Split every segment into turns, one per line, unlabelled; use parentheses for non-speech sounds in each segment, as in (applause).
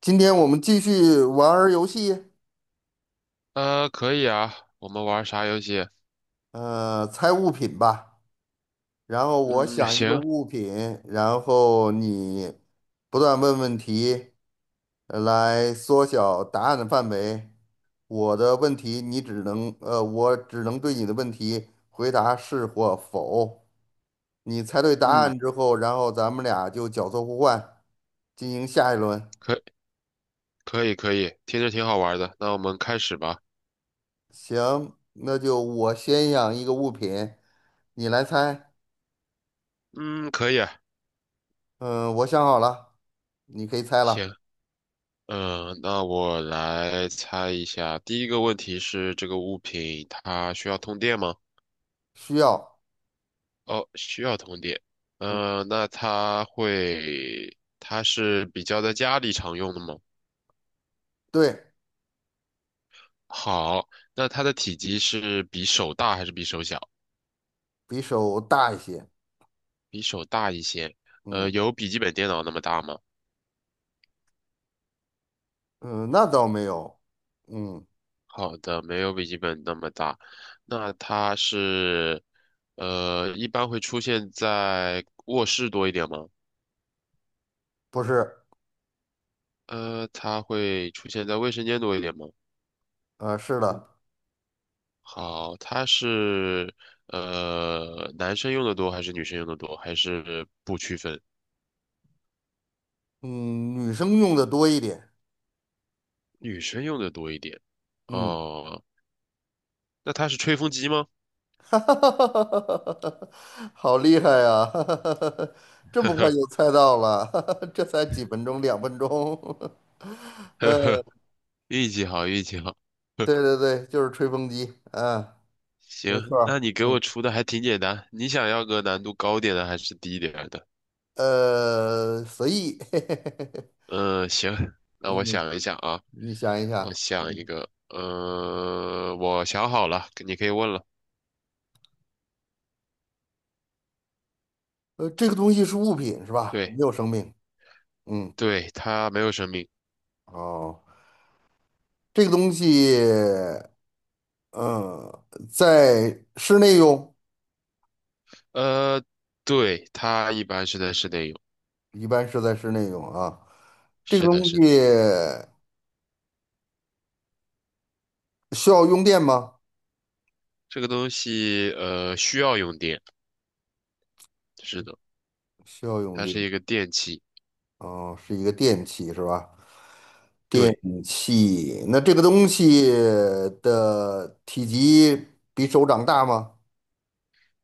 今天我们继续玩儿游戏，
可以啊，我们玩啥游戏？
猜物品吧。然后我
嗯，
想一个
行，
物品，然后你不断问问题，来缩小答案的范围。我的问题你只能，呃，我只能对你的问题回答是或否。你猜对答
嗯，
案之后，然后咱们俩就角色互换，进行下一轮。
可可以可以，听着挺好玩的，那我们开始吧。
行，那就我先想一个物品，你来猜。
嗯，可以啊，
嗯，我想好了，你可以猜了。
行，嗯，那我来猜一下，第一个问题是这个物品它需要通电吗？
需要，
哦，需要通电。
嗯，
嗯，那它会，它是比较在家里常用的吗？
对，
好，那它的体积是比手大还是比手小？
比手大一些。
比手大一些。
嗯
有笔记本电脑那么大吗？
嗯，那倒没有。嗯，
好的，没有笔记本那么大。那它是，一般会出现在卧室多一点吗？
不是，
它会出现在卫生间多一点吗？
是的，
好，它是，男生用的多还是女生用的多？还是不区分？
嗯，女生用的多一点。
女生用的多一点。
嗯，
哦，那它是吹风机吗？
(laughs) 哈哈哈哈哈哈，好厉害呀！(laughs) 哈哈哈哈，
(laughs)
这
呵
么快
呵，
就猜到了，(laughs) 哈哈，这才几分钟，两分钟。(laughs) 呃，
运气好，运气好。
对对对，就是吹风机。嗯，没
行，
错儿
那你给我出的还挺简单。你想要个难度高点的还是低一点儿的？
随意。(laughs)
嗯，行，那我
嗯。
想一想啊，
你想一
我
想，
想一个，我想好了，你可以问了。
这个东西是物品是吧？没
对，
有生命。嗯，
对，它没有生命。
哦，这个东西，嗯，在室内用，
呃，对，它一般是在室内用。
一般是在室内用啊。这个
是
东
的，是
西
的，
需要用电吗？
这个东西需要用电。是的，
需要用
它
电。
是一个电器。
哦，是一个电器是吧？电
对，
器。那这个东西的体积比手掌大吗？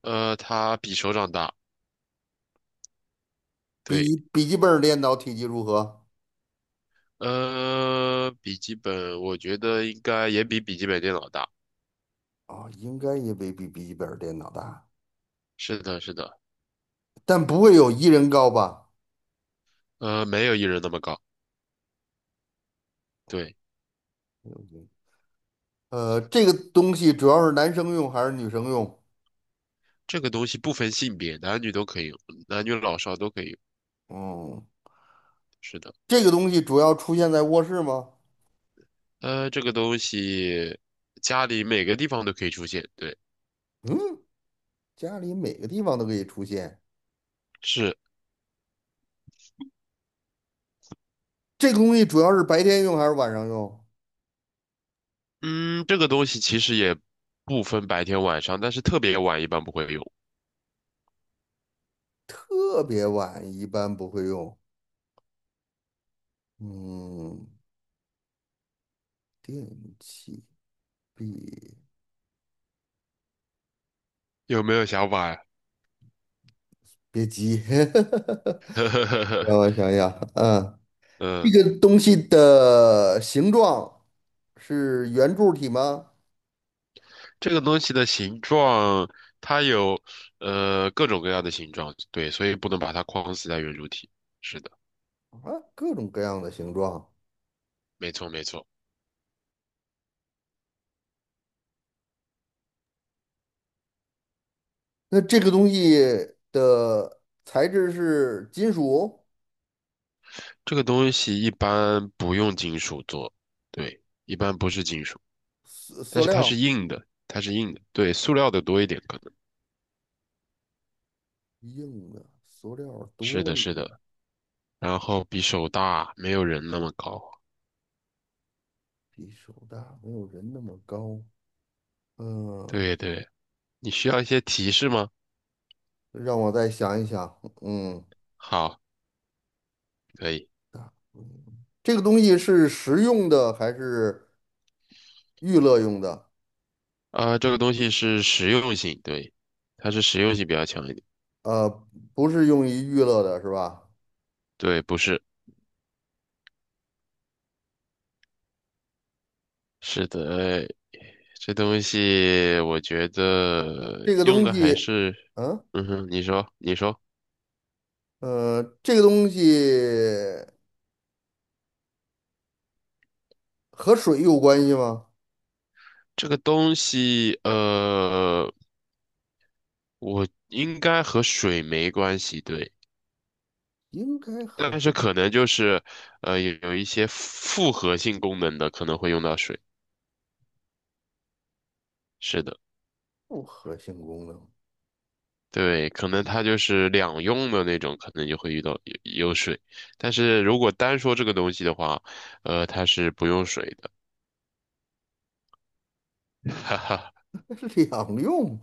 它比手掌大。对，
比笔记本儿电脑体积如何？
呃，笔记本我觉得应该也比笔记本电脑大。
哦，应该也没比笔记本儿电脑大。
是的，是的，
但不会有一人高吧？
没有一人那么高。对。
这个东西主要是男生用还是女生用？
这个东西不分性别，男女都可以用，男女老少都可以用。
嗯，
是的，
这个东西主要出现在卧室吗？
这个东西家里每个地方都可以出现。对，
嗯，家里每个地方都可以出现。
是，
这个东西主要是白天用还是晚上用？
嗯，这个东西其实也不分白天晚上，但是特别晚一般不会用。
特别晚一般不会用。嗯，电器别
有没有想法呀？
别急，(laughs) 让
(laughs)
我想想，这
嗯，
个东西的形状是圆柱体吗？
这个东西的形状，它有各种各样的形状，对，所以不能把它框死在圆柱体。是的，
啊，各种各样的形状。
没错没错，
那这个东西的材质是金属、
这个东西一般不用金属做，对，一般不是金属。
塑
但
塑
是它
料、
是硬的，它是硬的，对，塑料的多一点可能。
硬的，塑料
是
多
的，
一
是
点，
的，然后比手大，没有人那么高。
比手大，没有人那么高。嗯，
对对，你需要一些提示吗？
让我再想一想。嗯，
好，可以。
这个东西是食用的还是娱乐用的？
这个东西是实用性，对，它是实用性比较强一点。
呃，不是用于娱乐的，是吧？
对，不是，是的，这东西我觉得
这个
用
东
的还
西，
是，
嗯，
嗯哼，你说，你说，
呃，这个东西和水有关系吗？
这个东西，我应该和水没关系，对。
应该和
但是
水。
可能就是，呃，有一些复合性功能的可能会用到水。是的，
复合性功能，
对，可能它就是两用的那种，可能就会遇到有水。但是如果单说这个东西的话，它是不用水的。(laughs) 哈哈，
(laughs) 那是两用，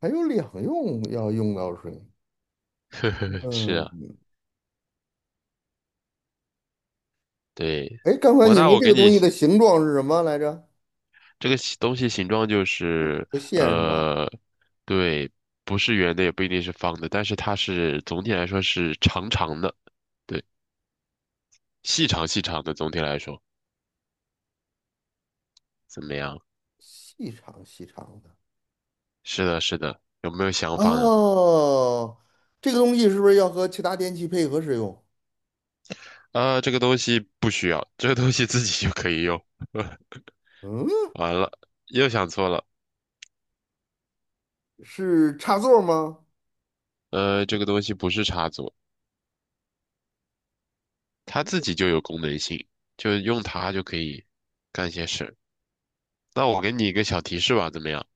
还有两用要用到水。
(laughs) 呵呵，是
嗯，
啊，对，
哎，刚才
我
你
大
说
我
这
给
个东
你
西的形状是什么来着？
这个东西形状就
不
是，
不线是吧？
呃，对，不是圆的，也不一定是方的，但是它是总体来说是长长的，对，细长细长的，总体来说。怎么样？
细长细长的。
是的，是的，有没有想法呢？
哦，这个东西是不是要和其他电器配合使用？
啊，这个东西不需要，这个东西自己就可以用。(laughs)
嗯，
完了，又想错了。
是插座吗？
这个东西不是插座，它自己就有功能性，就用它就可以干些事。那我给你一个小提示吧，怎么样？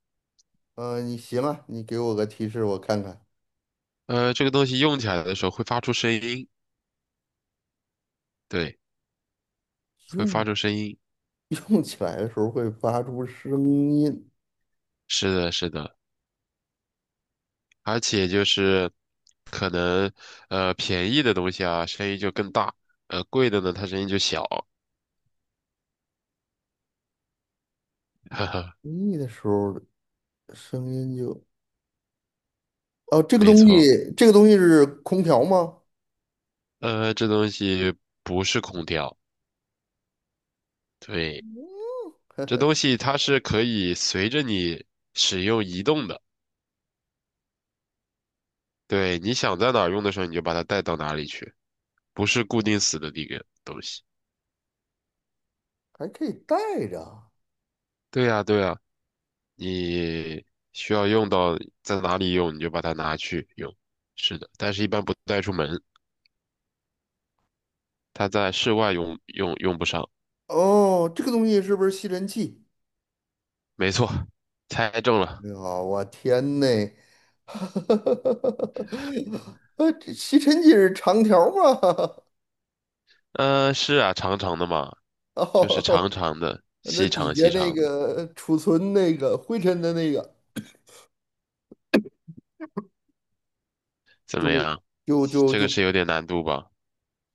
嗯、你行啊，你给我个提示，我看看。
这个东西用起来的时候会发出声音，对，会发
用
出声音。
用起来的时候会发出声音，
是的，是的，而且就是可能便宜的东西啊，声音就更大，贵的呢，它声音就小。(laughs)
用力的时候声音就哦，这个
没
东
错，
西，这个东西是空调吗？
这东西不是空调，对，这东西它是可以随着你使用移动的，对，你想在哪儿用的时候，你就把它带到哪里去，不是固定死的一个东西。
还可以带着啊。
对呀，对呀，你需要用到在哪里用，你就把它拿去用。是的，但是一般不带出门，它在室外用用不上。
哦，这个东西是不是吸尘器？
没错，猜中了。
哎呀，我天呐！(laughs) 这吸尘器是长条儿吗？
嗯、是啊，长长的嘛，
(laughs)
就是长
哦，
长的，
那
细
底
长
下
细
那
长的。
个储存那个灰尘的那个，
怎么样？
就就
这个
就，
是有点难度吧？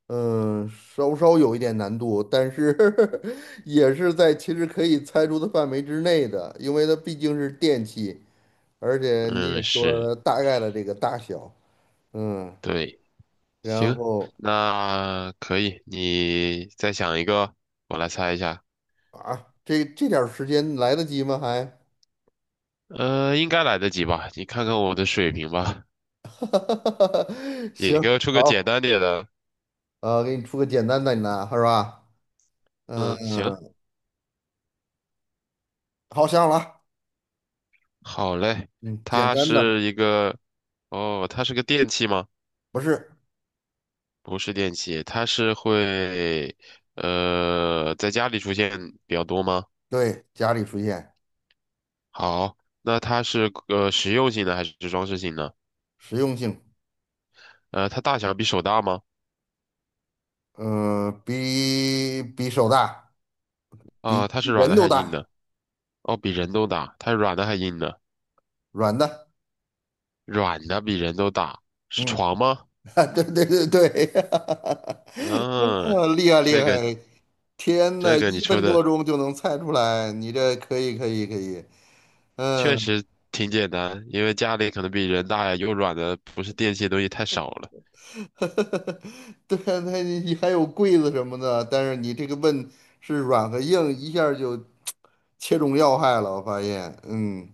嗯，稍稍有一点难度，但是 (laughs) 也是在其实可以猜出的范围之内的，因为它毕竟是电器。而且你
嗯，
也说
是，
了它大概的这个大小，嗯，
对，
然
行，
后
那可以，你再想一个，我来猜一下。
啊，这点儿时间来得及吗？还，
应该来得及吧？你看看我的水平吧。
(laughs) 行，
你给我出个简
好，
单点的。
给你出个简单的呢，是吧？嗯，
嗯，行，
好想好了，
好嘞。
嗯，简
它
单的
是一个，哦，它是个电器吗？
不是，
不是电器，它是会，在家里出现比较多吗？
对，家里出现
好，那它是实用性的还是装饰性的？
实用性，
它大小比手大吗？
嗯、比手大，比
它是软
人
的
都
还是硬
大，
的？哦，比人都大。它是软的还是硬的？
软的，
软的比人都大，是
嗯。
床吗？
(laughs) 啊，对对对对，(laughs)
嗯，
哦厉害厉
这个
害！天呐，
这个你
一
说
分多
的
钟就能猜出来，你这可以可以可以，
确
嗯，
实挺简单，因为家里可能比人大呀，又软的，不是电器的东西太少了。
(laughs) 对啊，那你还有柜子什么的，但是你这个问是软和硬，一下儿就切中要害了，我发现，嗯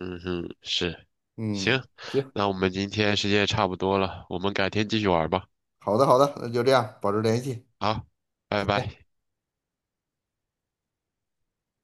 嗯哼，是。行，
嗯，行，
那我们今天时间也差不多了，我们改天继续玩吧。
好的好的，那就这样，保持联系，
好，拜
再
拜。
见。